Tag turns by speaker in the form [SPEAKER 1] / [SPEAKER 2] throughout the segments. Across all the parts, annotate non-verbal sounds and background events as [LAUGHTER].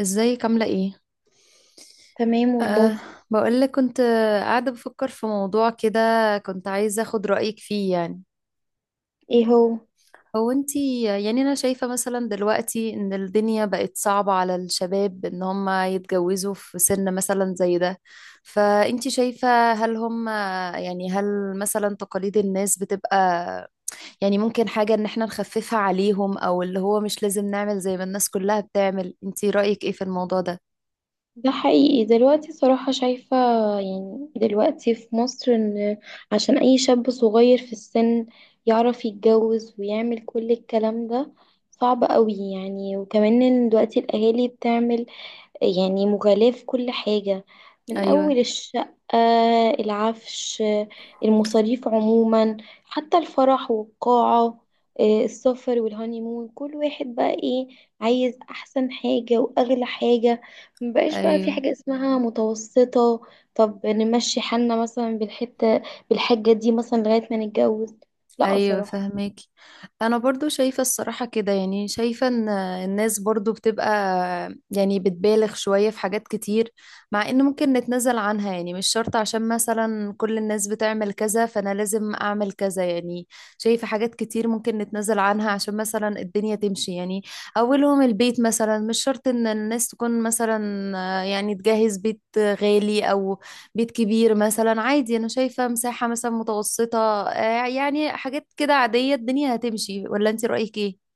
[SPEAKER 1] ازيك عاملة ايه؟
[SPEAKER 2] تمام والله.
[SPEAKER 1] أه. بقولك كنت قاعدة بفكر في موضوع كده. كنت عايزة اخد رأيك فيه يعني.
[SPEAKER 2] ايه هو؟
[SPEAKER 1] هو انتي يعني انا شايفة مثلا دلوقتي ان الدنيا بقت صعبة على الشباب ان هم يتجوزوا في سن مثلا زي ده. فانتي شايفة هل هم يعني هل مثلا تقاليد الناس بتبقى، يعني ممكن حاجة ان احنا نخففها عليهم او اللي هو مش لازم نعمل زي ما الناس كلها بتعمل، انتي رأيك ايه في الموضوع ده؟
[SPEAKER 2] ده حقيقي دلوقتي صراحة شايفة، يعني دلوقتي في مصر، ان عشان اي شاب صغير في السن يعرف يتجوز ويعمل كل الكلام ده صعب قوي يعني. وكمان ان دلوقتي الاهالي بتعمل يعني مغالاة في كل حاجة، من
[SPEAKER 1] ايوه،
[SPEAKER 2] أول الشقة، العفش، المصاريف عموما، حتى الفرح والقاعة، السفر والهانيمون. كل واحد بقى ايه، عايز أحسن حاجة وأغلى حاجة. مبقاش بقى في
[SPEAKER 1] ايوه،
[SPEAKER 2] حاجة اسمها متوسطة. طب نمشي حالنا مثلا بالحتة، بالحاجة دي مثلا لغاية ما نتجوز. لا
[SPEAKER 1] ايوه،
[SPEAKER 2] صراحة.
[SPEAKER 1] فهمك. انا برضو شايفة الصراحة كده، يعني شايفة ان الناس برضو بتبقى يعني بتبالغ شوية في حاجات كتير، مع ان ممكن نتنازل عنها يعني مش شرط عشان مثلا كل الناس بتعمل كذا فانا لازم اعمل كذا يعني. شايفة حاجات كتير ممكن نتنازل عنها عشان مثلا الدنيا تمشي يعني. اولهم البيت مثلا، مش شرط ان الناس تكون مثلا يعني تجهز بيت غالي او بيت كبير، مثلا عادي انا شايفة مساحة مثلا متوسطة. يعني حاجات كده عادية الدنيا هتمشي، ولا انت رأيك ايه؟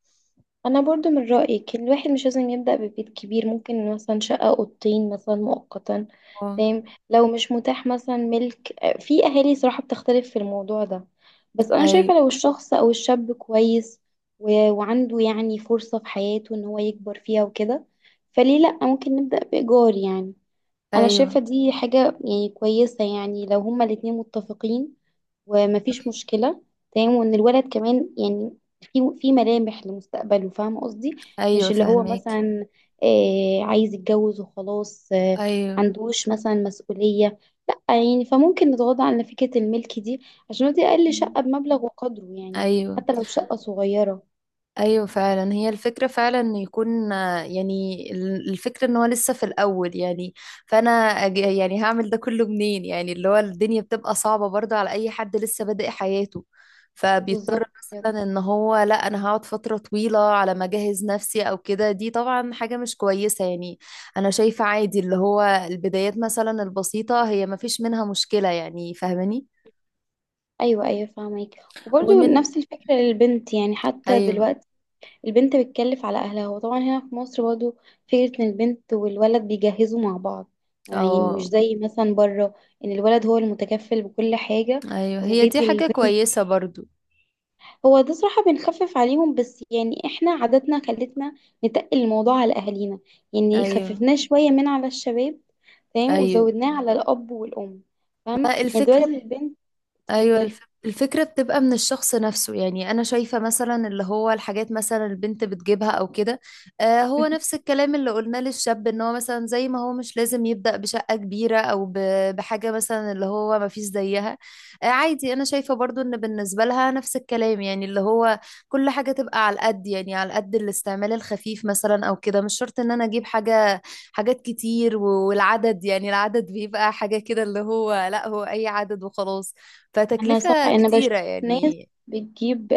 [SPEAKER 2] انا برضو من رأيي كل الواحد مش لازم يبدأ ببيت كبير، ممكن مثلا شقة اوضتين مثلا مؤقتا.
[SPEAKER 1] اه،
[SPEAKER 2] تمام. لو مش متاح مثلا ملك، في اهالي صراحة بتختلف في الموضوع ده. بس انا
[SPEAKER 1] ايوه،
[SPEAKER 2] شايفة لو الشخص او الشاب كويس وعنده يعني فرصة في حياته ان هو يكبر فيها وكده، فليه لأ، ممكن نبدأ بإيجار يعني. انا
[SPEAKER 1] ايوه،
[SPEAKER 2] شايفة دي حاجة يعني كويسة يعني، لو هما الاتنين متفقين ومفيش مشكلة. تمام. وان الولد كمان يعني في ملامح لمستقبله، فاهمة قصدي؟
[SPEAKER 1] ايوه،
[SPEAKER 2] مش اللي هو
[SPEAKER 1] فهماكي.
[SPEAKER 2] مثلا عايز يتجوز وخلاص،
[SPEAKER 1] ايوه،
[SPEAKER 2] عندوش مثلا مسؤولية، لا يعني. فممكن نتغاضى عن فكرة الملك دي، عشان هو دي اقل شقة بمبلغ وقدره يعني،
[SPEAKER 1] ايوه،
[SPEAKER 2] حتى لو شقة صغيرة.
[SPEAKER 1] ايوه، فعلا هي الفكره فعلا ان يكون، يعني الفكره ان هو لسه في الاول يعني. فانا يعني هعمل ده كله منين، يعني اللي هو الدنيا بتبقى صعبه برضه على اي حد لسه بادئ حياته.
[SPEAKER 2] بالظبط
[SPEAKER 1] فبيضطر
[SPEAKER 2] كده.
[SPEAKER 1] مثلا ان هو لا انا هقعد فتره طويله على ما اجهز نفسي او كده، دي طبعا حاجه مش كويسه يعني. انا شايفه عادي اللي هو البدايات مثلا البسيطه هي ما فيش منها مشكله يعني، فاهماني؟
[SPEAKER 2] ايوه، ايوه، فاهمك. وبرضه
[SPEAKER 1] ومن
[SPEAKER 2] نفس الفكرة للبنت، يعني حتى
[SPEAKER 1] ايوه،
[SPEAKER 2] دلوقتي البنت بتكلف على أهلها، وطبعا هنا في مصر برضو فكرة إن البنت والولد بيجهزوا مع بعض، يعني مش
[SPEAKER 1] اه،
[SPEAKER 2] زي مثلا بره إن الولد هو المتكفل بكل حاجة
[SPEAKER 1] ايوه، هي دي
[SPEAKER 2] وبيدي
[SPEAKER 1] حاجه
[SPEAKER 2] البنت.
[SPEAKER 1] كويسه برضه.
[SPEAKER 2] هو ده صراحة بنخفف عليهم، بس يعني إحنا عاداتنا خلتنا نتقل الموضوع على أهالينا، يعني
[SPEAKER 1] ايوه،
[SPEAKER 2] خففناه شوية من على الشباب، تمام،
[SPEAKER 1] ايوه،
[SPEAKER 2] وزودناه على الأب والأم، فاهمة؟
[SPEAKER 1] ما
[SPEAKER 2] يعني دلوقتي
[SPEAKER 1] الفكره.
[SPEAKER 2] البنت،
[SPEAKER 1] ايوه
[SPEAKER 2] اتفضلي.
[SPEAKER 1] الفكره بتبقى من الشخص نفسه، يعني انا شايفه مثلا اللي هو الحاجات مثلا البنت بتجيبها او كده. هو نفس
[SPEAKER 2] [LAUGHS]
[SPEAKER 1] الكلام اللي قلناه للشاب ان هو مثلا زي ما هو مش لازم يبدا بشقه كبيره او بحاجه مثلا اللي هو ما فيش زيها. عادي انا شايفه برضو ان بالنسبه لها نفس الكلام، يعني اللي هو كل حاجه تبقى على قد، يعني على قد الاستعمال الخفيف مثلا او كده، مش شرط ان انا اجيب حاجه. حاجات كتير والعدد، يعني العدد بيبقى حاجه كده اللي هو لا هو اي عدد وخلاص،
[SPEAKER 2] أنا صح،
[SPEAKER 1] فتكلفة
[SPEAKER 2] أنا بشوف
[SPEAKER 1] كتيرة يعني.
[SPEAKER 2] بتجيب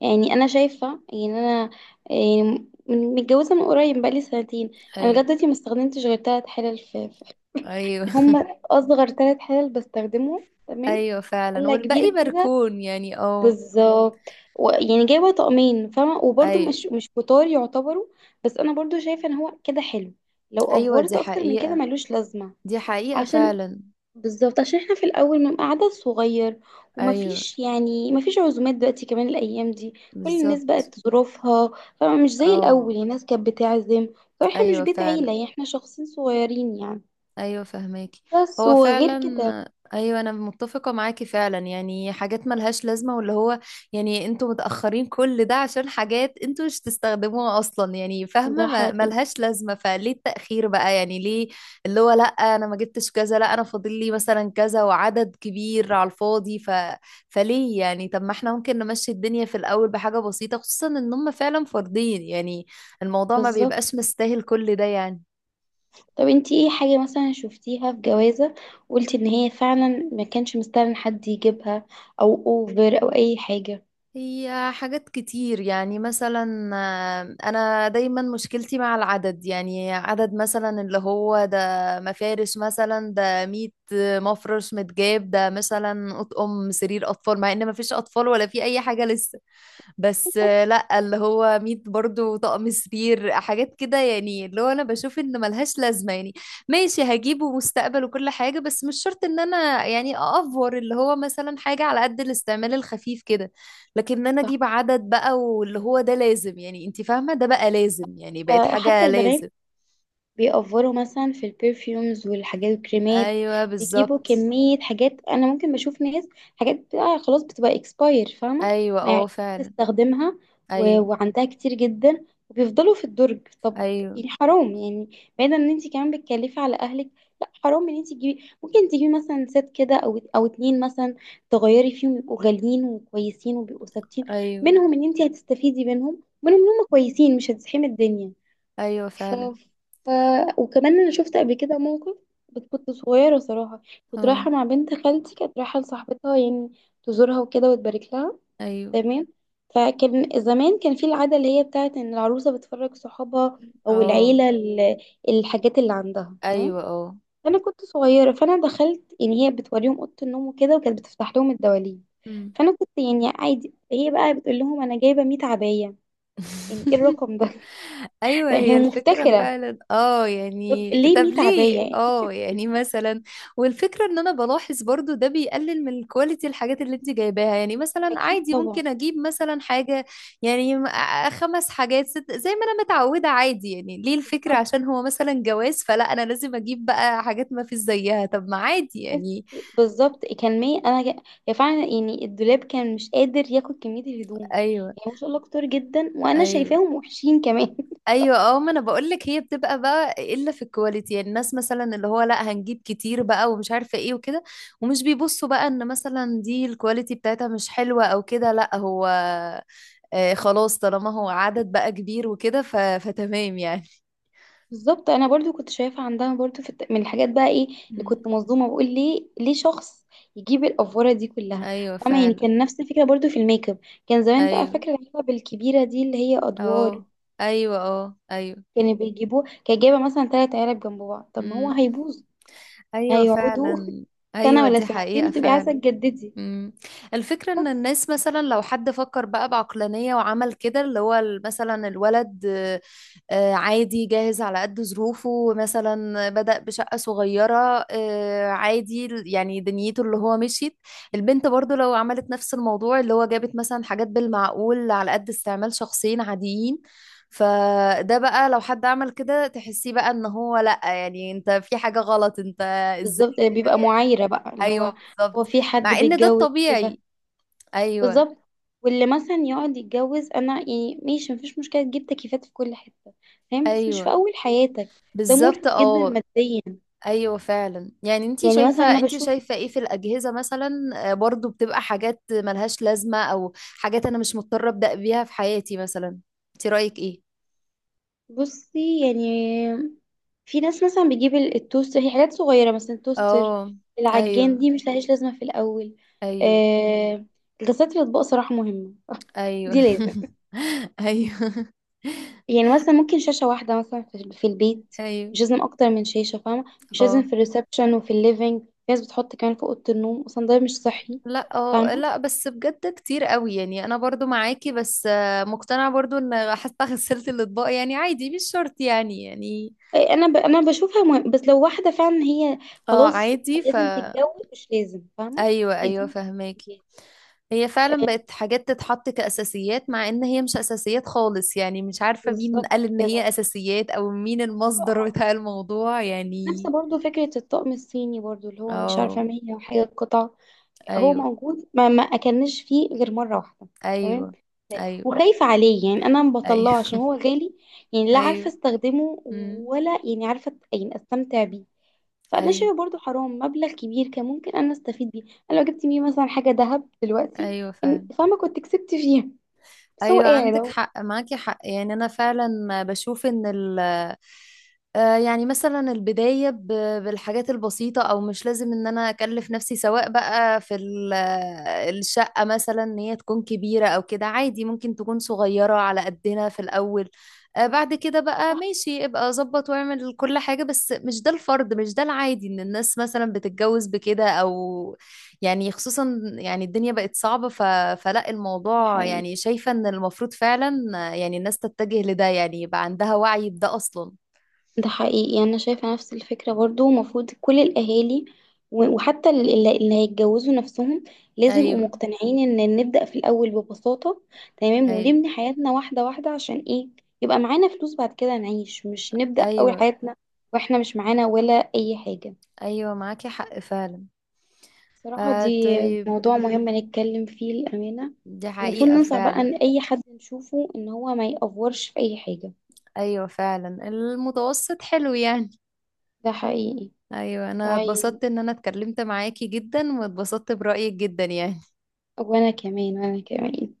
[SPEAKER 2] يعني. انا شايفه يعني، انا يعني متجوزه من قريب بقالي سنتين. انا لغايه
[SPEAKER 1] ايوه،
[SPEAKER 2] دلوقتي ما استخدمتش غير ثلاث حلل
[SPEAKER 1] ايوه،
[SPEAKER 2] يعني هم
[SPEAKER 1] [LAUGHS]
[SPEAKER 2] اصغر ثلاث حلل بستخدمهم. تمام.
[SPEAKER 1] ايوه فعلا،
[SPEAKER 2] حله
[SPEAKER 1] والباقي
[SPEAKER 2] كبيره كده،
[SPEAKER 1] بركون يعني اه.
[SPEAKER 2] بالظبط. يعني جايبه طقمين، فاهمه، وبرده
[SPEAKER 1] ايوه،
[SPEAKER 2] مش كتار يعتبروا. بس انا برضو شايفه ان هو كده حلو، لو
[SPEAKER 1] ايوه، دي
[SPEAKER 2] افورت اكتر من كده
[SPEAKER 1] حقيقة،
[SPEAKER 2] ملوش لازمه.
[SPEAKER 1] دي حقيقة
[SPEAKER 2] عشان
[SPEAKER 1] فعلا.
[SPEAKER 2] بالظبط، عشان احنا في الاول بنبقى عدد صغير،
[SPEAKER 1] ايوه
[SPEAKER 2] ومفيش يعني مفيش عزومات دلوقتي، كمان الايام دي كل الناس
[SPEAKER 1] بالظبط
[SPEAKER 2] بقت ظروفها، فمش زي الاول
[SPEAKER 1] اه.
[SPEAKER 2] يعني الناس كانت بتعزم، فاحنا مش
[SPEAKER 1] ايوه
[SPEAKER 2] بيت عيله
[SPEAKER 1] فعلا،
[SPEAKER 2] يعني، احنا شخصين صغيرين يعني،
[SPEAKER 1] ايوه فهماكي،
[SPEAKER 2] بس.
[SPEAKER 1] هو فعلا
[SPEAKER 2] وغير كده
[SPEAKER 1] ايوه، انا متفقه معاكي فعلا، يعني حاجات ملهاش لازمه، واللي هو يعني انتوا متاخرين كل ده عشان حاجات انتوا مش تستخدموها اصلا يعني، فاهمه
[SPEAKER 2] ده حقيقي
[SPEAKER 1] ملهاش لازمه، فليه التاخير بقى يعني، ليه؟ اللي هو لا انا ما جبتش كذا، لا انا فاضل لي مثلا كذا وعدد كبير على الفاضي. فليه يعني طب ما احنا ممكن نمشي الدنيا في الاول بحاجه بسيطه، خصوصا ان هم فعلا فاردين يعني، الموضوع ما
[SPEAKER 2] بالظبط.
[SPEAKER 1] بيبقاش مستاهل كل ده يعني.
[SPEAKER 2] طب انتي ايه حاجه مثلا شفتيها في جوازه وقلتي ان هي فعلا ما كانش مستاهل إن حد يجيبها، او اوفر او اي حاجه؟
[SPEAKER 1] هي حاجات كتير يعني، مثلا انا دايما مشكلتي مع العدد، يعني عدد مثلا اللي هو ده مفارش مثلا، ده 100 مفرش، متجاب ده مثلا اطقم سرير اطفال مع ان مفيش اطفال ولا في اي حاجة لسه، بس لا اللي هو ميت برضو طقم سرير، حاجات كده يعني، اللي هو انا بشوف ان ملهاش لازمه يعني. ماشي، هجيبه مستقبل وكل حاجه، بس مش شرط ان انا يعني اافور، اللي هو مثلا حاجه على قد الاستعمال الخفيف كده، لكن ان انا
[SPEAKER 2] صح.
[SPEAKER 1] اجيب عدد بقى واللي هو ده لازم، يعني انت فاهمه، ده بقى لازم يعني، بقت
[SPEAKER 2] حتى
[SPEAKER 1] حاجه
[SPEAKER 2] البنات
[SPEAKER 1] لازم.
[SPEAKER 2] بيأفوروا مثلا في البرفيومز والحاجات الكريمات،
[SPEAKER 1] ايوه
[SPEAKER 2] بيجيبوا
[SPEAKER 1] بالظبط.
[SPEAKER 2] كمية حاجات. أنا ممكن بشوف ناس، حاجات بتبقى خلاص بتبقى اكسباير، فاهمة،
[SPEAKER 1] ايوه
[SPEAKER 2] ما
[SPEAKER 1] اه
[SPEAKER 2] يعرفش
[SPEAKER 1] فعلا.
[SPEAKER 2] تستخدمها،
[SPEAKER 1] ايوه،
[SPEAKER 2] وعندها كتير جدا وبيفضلوا في الدرج. طب
[SPEAKER 1] ايوه،
[SPEAKER 2] يعني حرام يعني، بعيدا ان انت كمان بتكلفي على اهلك، لا حرام ان انت تجيبي، ممكن تجيبي مثلا ست كده او اتنين مثلا، تغيري فيهم، يبقوا غاليين وكويسين وبيبقوا ثابتين،
[SPEAKER 1] ايوه،
[SPEAKER 2] منهم ان انت هتستفيدي منهم ان هم كويسين، مش هتزحمي الدنيا.
[SPEAKER 1] ايوه
[SPEAKER 2] ف...
[SPEAKER 1] فعلا
[SPEAKER 2] ف... وكمان انا شفت قبل كده موقف، بس كنت صغيره صراحه. كنت
[SPEAKER 1] اه.
[SPEAKER 2] رايحه مع بنت خالتي، كانت رايحه لصاحبتها يعني، تزورها وكده وتبارك لها.
[SPEAKER 1] ايوه،
[SPEAKER 2] تمام. فكان زمان كان في العاده اللي هي بتاعت ان العروسه بتفرج صحابها، او
[SPEAKER 1] اه،
[SPEAKER 2] العيله، الحاجات اللي عندها.
[SPEAKER 1] ايوه،
[SPEAKER 2] تمام.
[SPEAKER 1] اه،
[SPEAKER 2] فانا كنت صغيره، فانا دخلت يعني، هي بتوريهم اوضه النوم وكده، وكانت بتفتح لهم الدواليب،
[SPEAKER 1] مم.
[SPEAKER 2] فانا كنت يعني عادي. هي بقى بتقول لهم انا جايبه 100 عبايه. يعني ايه
[SPEAKER 1] [LAUGHS]
[SPEAKER 2] الرقم ده؟
[SPEAKER 1] ايوه،
[SPEAKER 2] [LAUGHS] هي
[SPEAKER 1] هي الفكره
[SPEAKER 2] مفتكره،
[SPEAKER 1] فعلا اه،
[SPEAKER 2] طب
[SPEAKER 1] يعني
[SPEAKER 2] ليه
[SPEAKER 1] طب
[SPEAKER 2] 100 عباية
[SPEAKER 1] ليه،
[SPEAKER 2] يعني؟
[SPEAKER 1] اه يعني مثلا. والفكره ان انا بلاحظ برضو ده بيقلل من الكواليتي، الحاجات اللي انت جايباها يعني مثلا،
[SPEAKER 2] أكيد
[SPEAKER 1] عادي
[SPEAKER 2] طبعا.
[SPEAKER 1] ممكن اجيب مثلا حاجه، يعني خمس حاجات ست زي ما انا متعوده عادي، يعني ليه الفكره،
[SPEAKER 2] طب
[SPEAKER 1] عشان هو مثلا جواز فلا انا لازم اجيب بقى حاجات ما فيش زيها، طب ما عادي
[SPEAKER 2] تحس؟
[SPEAKER 1] يعني.
[SPEAKER 2] بالظبط كان 100. هي فعلا يعني الدولاب كان مش قادر ياخد كمية الهدوم،
[SPEAKER 1] ايوه،
[SPEAKER 2] يعني ما شاء الله كتير جدا، وأنا
[SPEAKER 1] ايوه،
[SPEAKER 2] شايفاهم وحشين كمان. [LAUGHS]
[SPEAKER 1] ايوه اه، ما انا بقول لك، هي بتبقى بقى الا في الكواليتي، يعني الناس مثلا اللي هو لا هنجيب كتير بقى ومش عارفه ايه وكده، ومش بيبصوا بقى ان مثلا دي الكواليتي بتاعتها مش حلوه او كده، لا هو خلاص طالما هو عدد بقى كبير وكده. فتمام يعني.
[SPEAKER 2] بالظبط. أنا برضو كنت شايفة عندها برضو من الحاجات بقى، إيه اللي
[SPEAKER 1] مم.
[SPEAKER 2] كنت مصدومة، بقول ليه ليه شخص يجيب الأفورة دي كلها؟
[SPEAKER 1] ايوه
[SPEAKER 2] فاهمة يعني.
[SPEAKER 1] فعلا.
[SPEAKER 2] كان نفس الفكرة برضو في الميك اب. كان زمان، بقى
[SPEAKER 1] ايوه
[SPEAKER 2] فاكرة العلب الكبيرة دي اللي هي أدوار،
[SPEAKER 1] اه، ايوه اه، ايوه،
[SPEAKER 2] كانوا بيجيبوه، كان جايبة مثلا تلات علب جنب بعض. طب ما هو
[SPEAKER 1] امم،
[SPEAKER 2] هيبوظ،
[SPEAKER 1] ايوه
[SPEAKER 2] هيقعدوا
[SPEAKER 1] فعلا،
[SPEAKER 2] سنة
[SPEAKER 1] ايوه
[SPEAKER 2] ولا
[SPEAKER 1] دي
[SPEAKER 2] سنتين
[SPEAKER 1] حقيقه
[SPEAKER 2] وتبقي عايزة
[SPEAKER 1] فعلا.
[SPEAKER 2] تجددي.
[SPEAKER 1] مم. الفكرة ان
[SPEAKER 2] بس.
[SPEAKER 1] الناس مثلا لو حد فكر بقى بعقلانية وعمل كده اللي هو، مثلا الولد عادي جاهز على قد ظروفه، مثلا بدأ بشقة صغيرة، عادي يعني دنيته اللي هو مشيت. البنت برضو لو عملت نفس الموضوع، اللي هو جابت مثلا حاجات بالمعقول على قد استعمال شخصين عاديين، فده بقى لو حد عمل كده تحسيه بقى ان هو لأ، يعني انت في حاجة غلط انت، ازاي؟
[SPEAKER 2] بالظبط، بيبقى معايرة بقى، اللي
[SPEAKER 1] ايوه
[SPEAKER 2] هو هو
[SPEAKER 1] بالظبط،
[SPEAKER 2] في حد
[SPEAKER 1] مع ان ده
[SPEAKER 2] بيتجوز كده؟
[SPEAKER 1] الطبيعي. ايوه
[SPEAKER 2] بالظبط. واللي مثلا يقعد يتجوز، انا يعني ماشي، مفيش مشكلة تجيب تكييفات في كل حتة فاهم، بس مش في
[SPEAKER 1] ايوه
[SPEAKER 2] اول حياتك. ده
[SPEAKER 1] بالظبط
[SPEAKER 2] مرهق جدا
[SPEAKER 1] اه.
[SPEAKER 2] ماديا.
[SPEAKER 1] ايوه فعلا، يعني انتي
[SPEAKER 2] يعني مثلا
[SPEAKER 1] شايفه،
[SPEAKER 2] انا
[SPEAKER 1] انتي
[SPEAKER 2] بشوف،
[SPEAKER 1] شايفه ايه في الاجهزه مثلا؟ برضو بتبقى حاجات ملهاش لازمه، او حاجات انا مش مضطره ابدا بيها في حياتي مثلا، انتي رايك ايه؟
[SPEAKER 2] بصي يعني، في ناس مثلا بتجيب التوستر، هي حاجات صغيرة مثلا، توستر،
[SPEAKER 1] اه.
[SPEAKER 2] العجان،
[SPEAKER 1] ايوه.
[SPEAKER 2] دي مش لهاش لازمة في الأول.
[SPEAKER 1] ايوه.
[SPEAKER 2] آه، غسالة الأطباق صراحة مهمة. [LAUGHS]
[SPEAKER 1] ايوه
[SPEAKER 2] دي لازم.
[SPEAKER 1] [LAUGHS] ايوه
[SPEAKER 2] يعني مثلا ممكن شاشة واحدة مثلا في البيت،
[SPEAKER 1] [LAUGHS] ايوه
[SPEAKER 2] مش لازم أكتر من شاشة فاهمة، مش لازم
[SPEAKER 1] اه.
[SPEAKER 2] في الريسبشن وفي الليفينج، في ناس بتحط كمان في أوضة النوم، أصلا ده مش صحي
[SPEAKER 1] لا اه،
[SPEAKER 2] فاهمة.
[SPEAKER 1] لا بس بجد كتير قوي يعني، انا برضو معاكي، بس مقتنعة برضو ان حتى [LAUGHS] غسلت الاطباق يعني عادي، مش شرط يعني.
[SPEAKER 2] إيه، أنا بشوفها مهم. بس لو واحدة فعلا، هي
[SPEAKER 1] اه
[SPEAKER 2] خلاص
[SPEAKER 1] عادي
[SPEAKER 2] لازم تتجوز، مش لازم، فاهمة.
[SPEAKER 1] ايوه،
[SPEAKER 2] هي
[SPEAKER 1] ايوه
[SPEAKER 2] دي.
[SPEAKER 1] فهماكي. هي فعلا بقت حاجات تتحط كأساسيات، مع ان هي مش اساسيات خالص، يعني مش عارفة مين
[SPEAKER 2] بالظبط
[SPEAKER 1] قال ان هي
[SPEAKER 2] كده.
[SPEAKER 1] اساسيات، او مين المصدر [LAUGHS] بتاع الموضوع
[SPEAKER 2] نفس
[SPEAKER 1] يعني.
[SPEAKER 2] برضو فكرة الطقم الصيني برضو اللي هو مش
[SPEAKER 1] اه.
[SPEAKER 2] عارفة 100 وحاجة قطعة. هو
[SPEAKER 1] ايوه.
[SPEAKER 2] موجود، ما أكلناش فيه غير مرة واحدة. تمام.
[SPEAKER 1] ايوه. ايوه.
[SPEAKER 2] وخايفة عليه يعني، أنا ما
[SPEAKER 1] ايوه
[SPEAKER 2] بطلعه عشان هو غالي، يعني
[SPEAKER 1] [LAUGHS]
[SPEAKER 2] لا عارفة
[SPEAKER 1] ايوه،
[SPEAKER 2] استخدمه
[SPEAKER 1] امم،
[SPEAKER 2] ولا يعني عارفة يعني استمتع بيه. فأنا
[SPEAKER 1] ايوه،
[SPEAKER 2] شايفة برضو حرام، مبلغ كبير كان ممكن أنا استفيد بيه. أنا لو جبت بيه مثلا حاجة ذهب دلوقتي،
[SPEAKER 1] ايوه فعلا،
[SPEAKER 2] كان فاهمة، كنت كسبت فيها، بس هو
[SPEAKER 1] ايوه
[SPEAKER 2] قاعد
[SPEAKER 1] عندك
[SPEAKER 2] أهو.
[SPEAKER 1] حق، معاكي حق يعني، انا فعلا بشوف ان ال يعني مثلا البداية بالحاجات البسيطة، او مش لازم ان انا اكلف نفسي سواء بقى في الشقة مثلا، ان هي تكون كبيرة او كده، عادي ممكن تكون صغيرة على قدنا في الاول. بعد كده بقى
[SPEAKER 2] صح،
[SPEAKER 1] ماشي ابقى ظبط واعمل كل حاجة، بس مش ده الفرض، مش ده العادي ان الناس مثلا بتتجوز بكده او، يعني خصوصا يعني الدنيا بقت صعبة. فلا
[SPEAKER 2] صح،
[SPEAKER 1] الموضوع يعني شايفة ان المفروض فعلا يعني الناس تتجه لده يعني يبقى عندها وعي بده اصلا.
[SPEAKER 2] ده حقيقي يعني. أنا شايفة نفس الفكرة برضو، المفروض كل الأهالي، وحتى اللي هيتجوزوا نفسهم، لازم يبقوا
[SPEAKER 1] ايوه.
[SPEAKER 2] مقتنعين إن نبدأ في الأول ببساطة. تمام.
[SPEAKER 1] ايوه.
[SPEAKER 2] ونبني حياتنا واحدة واحدة، عشان إيه؟ يبقى معانا فلوس بعد كده نعيش، مش نبدأ أول
[SPEAKER 1] ايوه.
[SPEAKER 2] حياتنا وإحنا مش معانا ولا أي حاجة.
[SPEAKER 1] ايوه معاكي حق فعلا.
[SPEAKER 2] صراحة دي
[SPEAKER 1] طيب.
[SPEAKER 2] موضوع مهم نتكلم فيه، الأمانة.
[SPEAKER 1] دي
[SPEAKER 2] المفروض
[SPEAKER 1] حقيقة
[SPEAKER 2] ننصح بقى
[SPEAKER 1] فعلا.
[SPEAKER 2] إن أي حد نشوفه إن هو ما يأفورش في أي حاجة.
[SPEAKER 1] ايوه فعلا، المتوسط حلو يعني.
[SPEAKER 2] ده حقيقي.
[SPEAKER 1] ايوه انا
[SPEAKER 2] طيب.
[SPEAKER 1] اتبسطت ان انا اتكلمت معاكي جدا، واتبسطت برأيك جدا يعني.
[SPEAKER 2] وأنا كمان، وأنا كمان.